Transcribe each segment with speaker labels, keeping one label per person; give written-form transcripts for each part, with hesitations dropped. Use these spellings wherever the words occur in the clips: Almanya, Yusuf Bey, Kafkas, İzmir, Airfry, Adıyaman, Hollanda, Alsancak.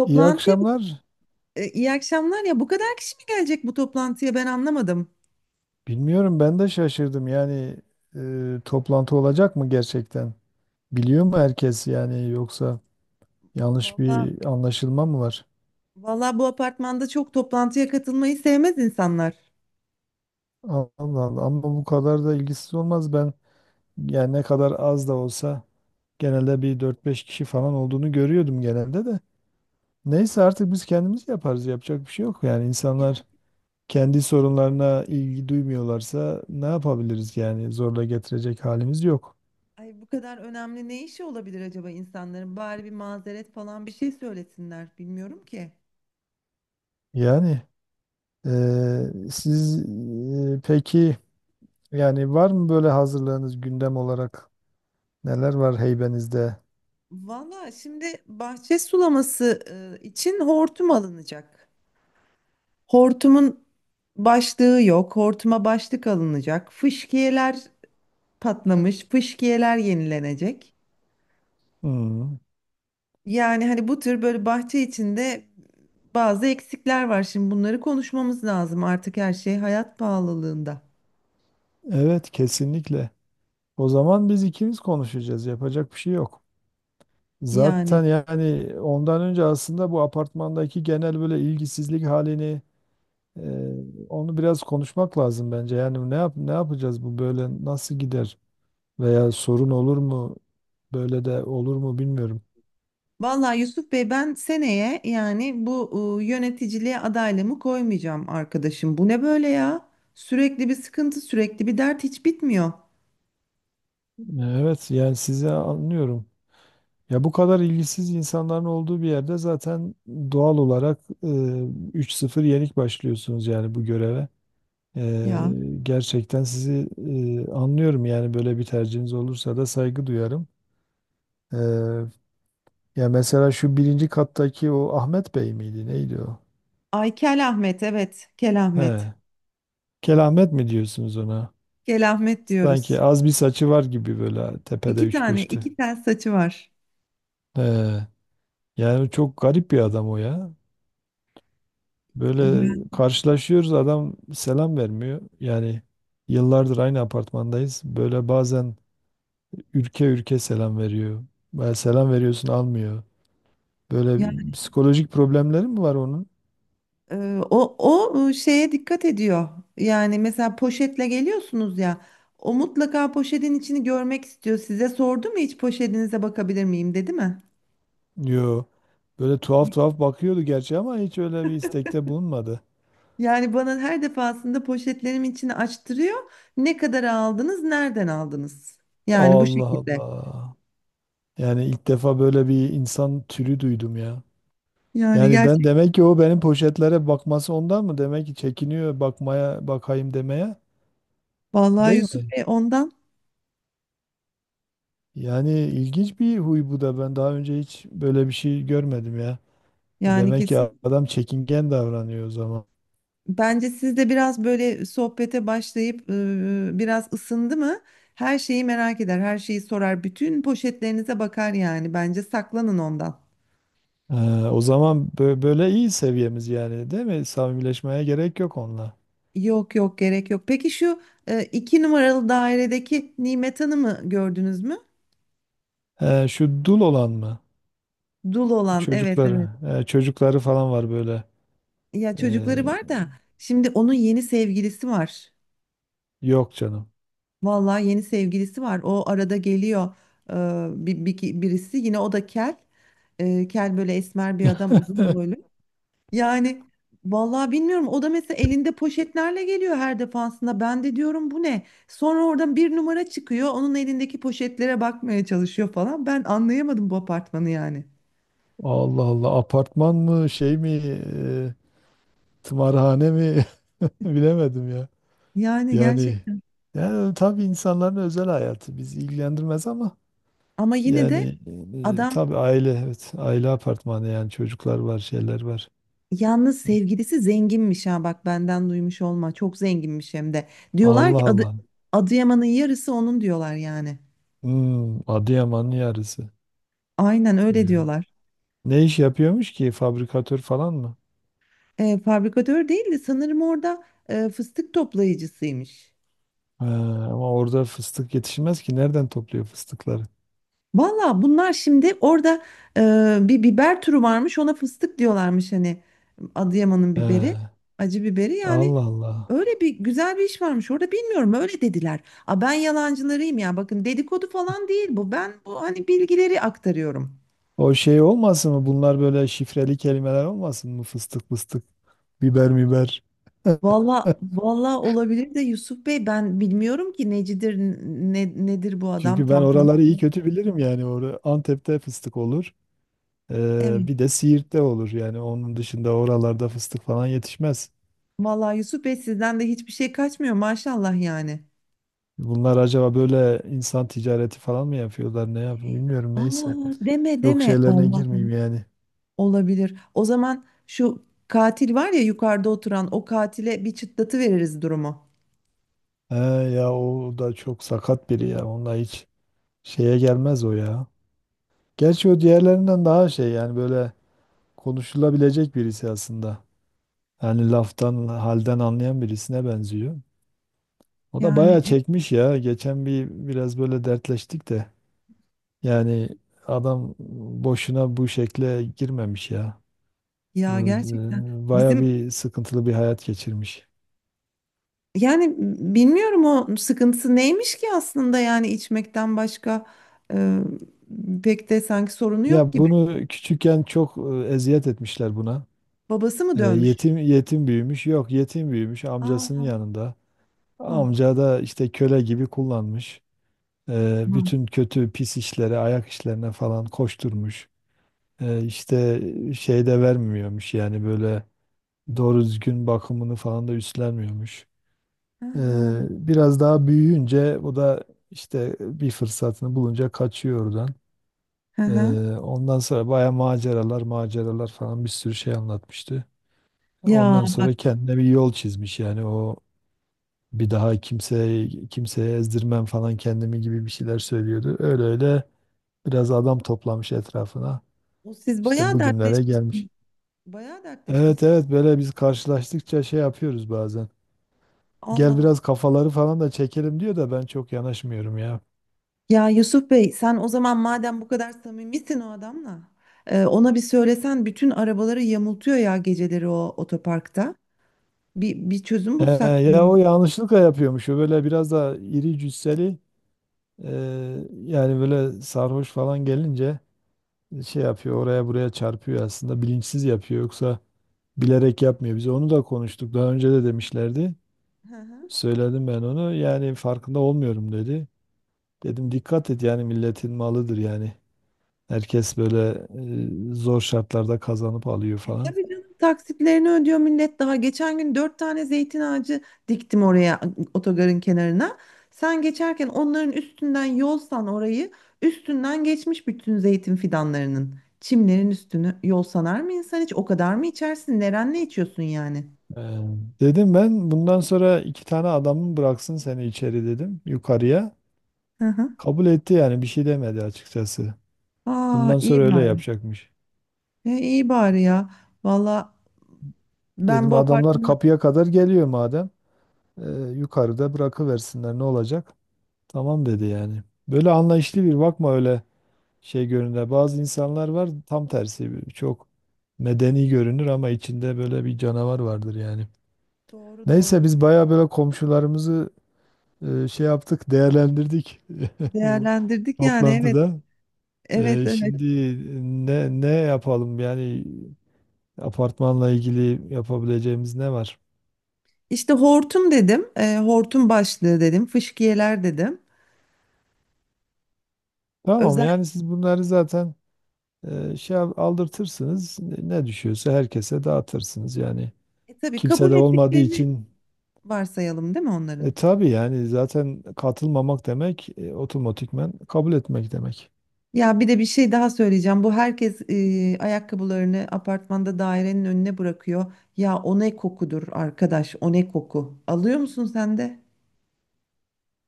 Speaker 1: İyi akşamlar.
Speaker 2: iyi akşamlar ya bu kadar kişi mi gelecek bu toplantıya ben anlamadım.
Speaker 1: Bilmiyorum ben de şaşırdım. Yani toplantı olacak mı gerçekten? Biliyor mu herkes yani yoksa yanlış
Speaker 2: Valla
Speaker 1: bir anlaşılma mı var?
Speaker 2: valla bu apartmanda çok toplantıya katılmayı sevmez insanlar.
Speaker 1: Allah Allah, ama bu kadar da ilgisiz olmaz. Ben yani ne kadar az da olsa genelde bir dört beş kişi falan olduğunu görüyordum genelde de. Neyse artık biz kendimiz yaparız. Yapacak bir şey yok. Yani
Speaker 2: Ya
Speaker 1: insanlar kendi sorunlarına ilgi duymuyorlarsa ne yapabiliriz yani zorla getirecek halimiz yok.
Speaker 2: ay bu kadar önemli ne işi olabilir acaba insanların? Bari bir mazeret falan bir şey söylesinler bilmiyorum ki.
Speaker 1: Yani siz peki yani var mı böyle hazırlığınız gündem olarak neler var heybenizde?
Speaker 2: Valla şimdi bahçe sulaması için hortum alınacak. Hortumun başlığı yok. Hortuma başlık alınacak. Fışkiyeler patlamış. Fışkiyeler yenilenecek.
Speaker 1: Hmm.
Speaker 2: Yani hani bu tür böyle bahçe içinde bazı eksikler var. Şimdi bunları konuşmamız lazım, artık her şey hayat pahalılığında.
Speaker 1: Evet, kesinlikle. O zaman biz ikimiz konuşacağız. Yapacak bir şey yok.
Speaker 2: Yani
Speaker 1: Zaten yani ondan önce aslında bu apartmandaki genel böyle ilgisizlik halini, e, onu biraz konuşmak lazım bence. Yani ne yapacağız, bu böyle nasıl gider veya sorun olur mu, böyle de olur mu bilmiyorum.
Speaker 2: vallahi Yusuf Bey, ben seneye yani bu yöneticiliğe adaylığımı koymayacağım arkadaşım. Bu ne böyle ya? Sürekli bir sıkıntı, sürekli bir dert, hiç bitmiyor.
Speaker 1: Evet yani sizi anlıyorum. Ya bu kadar ilgisiz insanların olduğu bir yerde zaten doğal olarak 3-0 yenik başlıyorsunuz yani bu göreve.
Speaker 2: Ya.
Speaker 1: Gerçekten sizi anlıyorum yani böyle bir tercihiniz olursa da saygı duyarım. E, Ya mesela şu birinci kattaki o Ahmet Bey miydi neydi o?
Speaker 2: Ay Kel Ahmet, evet Kel Ahmet.
Speaker 1: He, Kelahmet mi diyorsunuz ona?
Speaker 2: Kel Ahmet
Speaker 1: Sanki
Speaker 2: diyoruz.
Speaker 1: az bir saçı var gibi böyle tepede
Speaker 2: 2 tane,
Speaker 1: 3-5'te.
Speaker 2: 2 tel saçı var.
Speaker 1: He, yani çok garip bir adam o ya. Böyle karşılaşıyoruz, adam selam vermiyor. Yani yıllardır aynı apartmandayız. Böyle bazen ülke ülke selam veriyor. Böyle selam veriyorsun almıyor. Böyle
Speaker 2: Ya.
Speaker 1: psikolojik problemleri mi var onun?
Speaker 2: O şeye dikkat ediyor. Yani mesela poşetle geliyorsunuz ya. O mutlaka poşetin içini görmek istiyor. Size sordu mu hiç poşetinize bakabilir miyim dedi mi?
Speaker 1: Yo. Böyle tuhaf tuhaf bakıyordu gerçi ama hiç öyle bir istekte bulunmadı.
Speaker 2: Yani bana her defasında poşetlerim içini açtırıyor. Ne kadar aldınız, nereden aldınız? Yani bu
Speaker 1: Allah
Speaker 2: şekilde.
Speaker 1: Allah. Yani ilk defa böyle bir insan türü duydum ya.
Speaker 2: Yani
Speaker 1: Yani ben
Speaker 2: gerçek.
Speaker 1: demek ki o benim poşetlere bakması ondan mı? Demek ki çekiniyor bakmaya, bakayım demeye.
Speaker 2: Vallahi
Speaker 1: Değil
Speaker 2: Yusuf
Speaker 1: mi?
Speaker 2: Bey, ondan
Speaker 1: Yani ilginç bir huy bu da. Ben daha önce hiç böyle bir şey görmedim ya.
Speaker 2: yani
Speaker 1: Demek ki
Speaker 2: kesin.
Speaker 1: adam çekingen davranıyor o zaman.
Speaker 2: Bence siz de biraz böyle sohbete başlayıp biraz ısındı mı? Her şeyi merak eder, her şeyi sorar, bütün poşetlerinize bakar yani. Bence saklanın ondan.
Speaker 1: Ee, O zaman böyle iyi seviyemiz yani, değil mi? Samimileşmeye gerek yok onunla.
Speaker 2: Yok yok, gerek yok. Peki şu 2 numaralı dairedeki Nimet Hanım'ı gördünüz mü?
Speaker 1: Şu dul olan mı?
Speaker 2: Dul olan, evet
Speaker 1: Çocukları.
Speaker 2: evet.
Speaker 1: Çocukları falan var böyle.
Speaker 2: Ya
Speaker 1: Ee,
Speaker 2: çocukları var da şimdi onun yeni sevgilisi var.
Speaker 1: yok canım.
Speaker 2: Vallahi yeni sevgilisi var. O arada geliyor, e, birisi yine, o da kel. E, kel böyle esmer bir adam, uzun boylu. Yani vallahi bilmiyorum, o da mesela elinde poşetlerle geliyor her defasında. Ben de diyorum bu ne? Sonra oradan bir numara çıkıyor. Onun elindeki poşetlere bakmaya çalışıyor falan. Ben anlayamadım bu apartmanı yani.
Speaker 1: Allah Allah, apartman mı şey mi, e, tımarhane mi bilemedim ya.
Speaker 2: Yani
Speaker 1: Yani
Speaker 2: gerçekten,
Speaker 1: yani tabii insanların özel hayatı bizi ilgilendirmez ama.
Speaker 2: ama yine de
Speaker 1: Yani
Speaker 2: adam
Speaker 1: tabii evet, aile apartmanı yani, çocuklar var, şeyler var.
Speaker 2: yalnız, sevgilisi zenginmiş, ha bak benden duymuş olma. Çok zenginmiş hem de. Diyorlar
Speaker 1: Allah
Speaker 2: ki adı,
Speaker 1: Allah.
Speaker 2: Adıyaman'ın yarısı onun diyorlar yani.
Speaker 1: Hmm, Adıyaman'ın yarısı.
Speaker 2: Aynen öyle
Speaker 1: Ya.
Speaker 2: diyorlar.
Speaker 1: Ne iş yapıyormuş ki, fabrikatör falan mı?
Speaker 2: E, fabrikatör değil de sanırım orada fıstık toplayıcısıymış.
Speaker 1: He, ama orada fıstık yetişmez ki, nereden topluyor fıstıkları?
Speaker 2: Valla bunlar şimdi orada bir biber türü varmış, ona fıstık diyorlarmış hani, Adıyaman'ın biberi,
Speaker 1: He,
Speaker 2: acı biberi yani,
Speaker 1: Allah Allah.
Speaker 2: öyle bir güzel bir iş varmış orada, bilmiyorum öyle dediler. A ben yalancılarıyım ya, bakın dedikodu falan değil bu, ben bu hani bilgileri aktarıyorum.
Speaker 1: O şey olmasın mı? Bunlar böyle şifreli kelimeler olmasın mı? Fıstık fıstık, biber miber.
Speaker 2: Valla valla olabilir de Yusuf Bey, ben bilmiyorum ki necidir, nedir bu adam
Speaker 1: Çünkü ben
Speaker 2: tam tanı.
Speaker 1: oraları iyi kötü bilirim yani. Orada Antep'te fıstık olur.
Speaker 2: Evet,
Speaker 1: Bir de Siirt'te olur yani, onun dışında oralarda fıstık falan yetişmez.
Speaker 2: valla Yusuf Bey sizden de hiçbir şey kaçmıyor maşallah yani.
Speaker 1: Bunlar acaba böyle insan ticareti falan mı yapıyorlar, ne yapıyor bilmiyorum, neyse.
Speaker 2: Aa, deme
Speaker 1: Çok
Speaker 2: deme
Speaker 1: şeylerine
Speaker 2: vallahi.
Speaker 1: girmeyeyim yani.
Speaker 2: Olabilir. O zaman şu katil var ya, yukarıda oturan, o katile bir çıtlatı veririz durumu.
Speaker 1: He, ya o da çok sakat biri ya, onunla hiç şeye gelmez o ya. Gerçi o diğerlerinden daha şey yani, böyle konuşulabilecek birisi aslında. Yani laftan halden anlayan birisine benziyor. O da
Speaker 2: Yani
Speaker 1: bayağı çekmiş ya. Geçen bir biraz böyle dertleştik de. Yani adam boşuna bu şekle girmemiş ya.
Speaker 2: ya
Speaker 1: Bu,
Speaker 2: gerçekten
Speaker 1: Baya
Speaker 2: bizim
Speaker 1: bir sıkıntılı bir hayat geçirmiş.
Speaker 2: yani bilmiyorum o sıkıntısı neymiş ki aslında, yani içmekten başka e, pek de sanki sorunu yok
Speaker 1: Ya
Speaker 2: gibi.
Speaker 1: bunu küçükken çok eziyet etmişler buna.
Speaker 2: Babası mı dövmüş?
Speaker 1: Yetim büyümüş. Yok, yetim büyümüş
Speaker 2: Aa,
Speaker 1: amcasının
Speaker 2: ah,
Speaker 1: yanında.
Speaker 2: ah.
Speaker 1: Amca da işte köle gibi kullanmış.
Speaker 2: Hı hı.
Speaker 1: Bütün kötü pis işlere, ayak işlerine falan koşturmuş. İşte şey de vermiyormuş yani, böyle doğru düzgün bakımını falan da üstlenmiyormuş. Biraz daha büyüyünce bu da işte bir fırsatını bulunca kaçıyor oradan.
Speaker 2: Hı
Speaker 1: Ee,
Speaker 2: hı.
Speaker 1: Ondan sonra baya maceralar maceralar falan bir sürü şey anlatmıştı.
Speaker 2: Ya
Speaker 1: Ondan
Speaker 2: bak,
Speaker 1: sonra kendine bir yol çizmiş yani, o bir daha kimseye ezdirmem falan kendimi gibi bir şeyler söylüyordu. Öyle öyle biraz adam toplamış etrafına.
Speaker 2: o siz
Speaker 1: İşte
Speaker 2: bayağı
Speaker 1: bugünlere
Speaker 2: dertleşmişsiniz.
Speaker 1: gelmiş.
Speaker 2: Bayağı
Speaker 1: Evet
Speaker 2: dertleşmişsiniz.
Speaker 1: evet, böyle biz karşılaştıkça şey yapıyoruz bazen.
Speaker 2: Allah
Speaker 1: Gel
Speaker 2: Allah.
Speaker 1: biraz kafaları falan da çekelim diyor da, ben çok yanaşmıyorum ya.
Speaker 2: Ya Yusuf Bey, sen o zaman madem bu kadar samimisin o adamla, ona bir söylesen, bütün arabaları yamultuyor ya geceleri o otoparkta. Bir çözüm
Speaker 1: He,
Speaker 2: bulsak
Speaker 1: ya
Speaker 2: mı?
Speaker 1: o yanlışlıkla yapıyormuş. O böyle biraz da iri cüsseli, e, yani böyle sarhoş falan gelince şey yapıyor, oraya buraya çarpıyor, aslında bilinçsiz yapıyor, yoksa bilerek yapmıyor. Biz onu da konuştuk daha önce de demişlerdi.
Speaker 2: Hı hı.
Speaker 1: Söyledim ben onu, yani farkında olmuyorum dedi. Dedim dikkat et yani, milletin malıdır yani. Herkes böyle zor şartlarda kazanıp alıyor falan.
Speaker 2: Tabii canım, taksitlerini ödüyor millet daha. Geçen gün 4 tane zeytin ağacı diktim oraya, otogarın kenarına. Sen geçerken onların üstünden yolsan orayı, üstünden geçmiş bütün zeytin fidanlarının. Çimlerin üstünü yol sanar mı insan hiç? O kadar mı içersin? Nerenle içiyorsun yani?
Speaker 1: Ee, Dedim ben bundan sonra iki tane adamın bıraksın seni içeri, dedim, yukarıya.
Speaker 2: Hı hı.
Speaker 1: Kabul etti yani, bir şey demedi açıkçası.
Speaker 2: Aa
Speaker 1: Bundan
Speaker 2: iyi
Speaker 1: sonra öyle
Speaker 2: bari.
Speaker 1: yapacakmış.
Speaker 2: E, iyi bari ya. Valla ben
Speaker 1: Dedim
Speaker 2: bu
Speaker 1: adamlar
Speaker 2: apartmanı,
Speaker 1: kapıya kadar geliyor madem, e, yukarıda bırakıversinler, ne olacak? Tamam dedi yani. Böyle anlayışlı bir bakma öyle şey görünür. Bazı insanlar var tam tersi, çok medeni görünür ama içinde böyle bir canavar vardır yani.
Speaker 2: doğru
Speaker 1: Neyse
Speaker 2: doğru,
Speaker 1: biz baya böyle komşularımızı şey yaptık, değerlendirdik bu
Speaker 2: değerlendirdik yani, evet.
Speaker 1: toplantıda.
Speaker 2: Evet evet.
Speaker 1: Şimdi ne yapalım yani, apartmanla ilgili yapabileceğimiz ne var?
Speaker 2: İşte hortum dedim, hortum başlığı dedim, fıskiyeler dedim.
Speaker 1: Tamam
Speaker 2: Özellikle
Speaker 1: yani, siz bunları zaten aldırtırsınız. Ne düşüyorsa herkese dağıtırsınız yani.
Speaker 2: tabii
Speaker 1: Kimse
Speaker 2: kabul
Speaker 1: de olmadığı
Speaker 2: ettiklerini
Speaker 1: için
Speaker 2: varsayalım, değil mi onların?
Speaker 1: tabii yani, zaten katılmamak demek otomatikman kabul etmek demek.
Speaker 2: Ya bir de bir şey daha söyleyeceğim. Bu herkes ayakkabılarını apartmanda dairenin önüne bırakıyor. Ya o ne kokudur arkadaş, o ne koku. Alıyor musun sen de?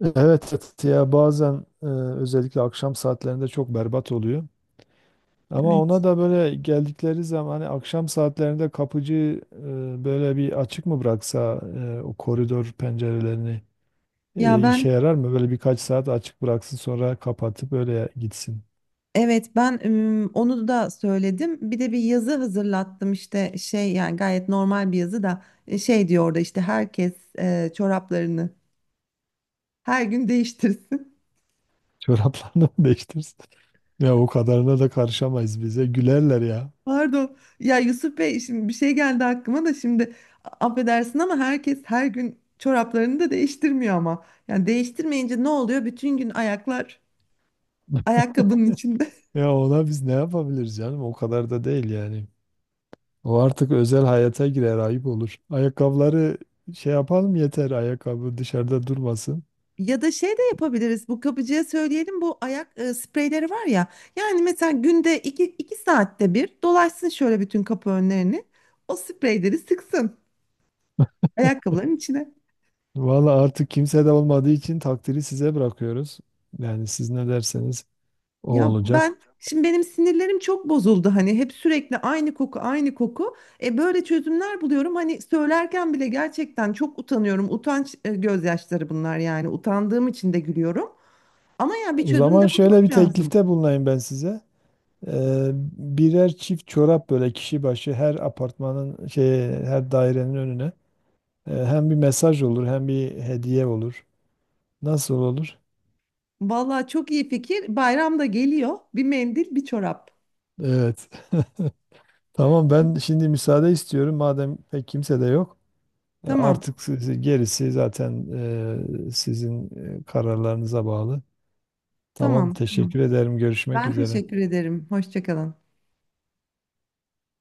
Speaker 1: Evet, evet, ya bazen özellikle akşam saatlerinde çok berbat oluyor. Ama ona
Speaker 2: Evet.
Speaker 1: da böyle geldikleri zaman, hani akşam saatlerinde kapıcı böyle bir açık mı bıraksa o koridor pencerelerini,
Speaker 2: Ya ben,
Speaker 1: işe yarar mı? Böyle birkaç saat açık bıraksın, sonra kapatıp öyle gitsin.
Speaker 2: evet ben onu da söyledim. Bir de bir yazı hazırlattım işte, şey yani gayet normal bir yazı da, şey diyor orada işte, herkes çoraplarını her gün değiştirsin.
Speaker 1: Çoraplarını mı değiştirsin? Ya o kadarına da karışamayız bize. Gülerler ya.
Speaker 2: Pardon. Ya Yusuf Bey şimdi bir şey geldi aklıma da, şimdi affedersin ama herkes her gün çoraplarını da değiştirmiyor ama. Yani değiştirmeyince ne oluyor? Bütün gün ayaklar ayakkabının içinde.
Speaker 1: Ya ona biz ne yapabiliriz canım? O kadar da değil yani. O artık özel hayata girer, ayıp olur. Ayakkabıları şey yapalım yeter, ayakkabı dışarıda durmasın.
Speaker 2: Ya da şey de yapabiliriz. Bu kapıcıya söyleyelim, bu ayak spreyleri var ya. Yani mesela günde, 2 saatte bir dolaşsın şöyle bütün kapı önlerini. O spreyleri sıksın ayakkabıların içine.
Speaker 1: Valla artık kimse de olmadığı için takdiri size bırakıyoruz. Yani siz ne derseniz o
Speaker 2: Ya
Speaker 1: olacak.
Speaker 2: ben şimdi, benim sinirlerim çok bozuldu hani, hep sürekli aynı koku aynı koku. E böyle çözümler buluyorum, hani söylerken bile gerçekten çok utanıyorum. Utanç gözyaşları bunlar yani, utandığım için de gülüyorum. Ama ya bir
Speaker 1: O
Speaker 2: çözüm de
Speaker 1: zaman şöyle
Speaker 2: bulmak
Speaker 1: bir
Speaker 2: lazım.
Speaker 1: teklifte bulunayım ben size. Ee, birer çift çorap böyle kişi başı her apartmanın şey her dairenin önüne. Hem bir mesaj olur hem bir hediye olur. Nasıl olur?
Speaker 2: Vallahi çok iyi fikir. Bayram da geliyor. Bir mendil, bir çorap.
Speaker 1: Evet. Tamam, ben şimdi müsaade istiyorum. Madem pek kimse de yok.
Speaker 2: Tamam.
Speaker 1: Artık gerisi zaten sizin kararlarınıza bağlı. Tamam,
Speaker 2: Tamam.
Speaker 1: teşekkür
Speaker 2: Tamam.
Speaker 1: ederim. Görüşmek
Speaker 2: Ben
Speaker 1: üzere.
Speaker 2: teşekkür ederim. Hoşça kalın.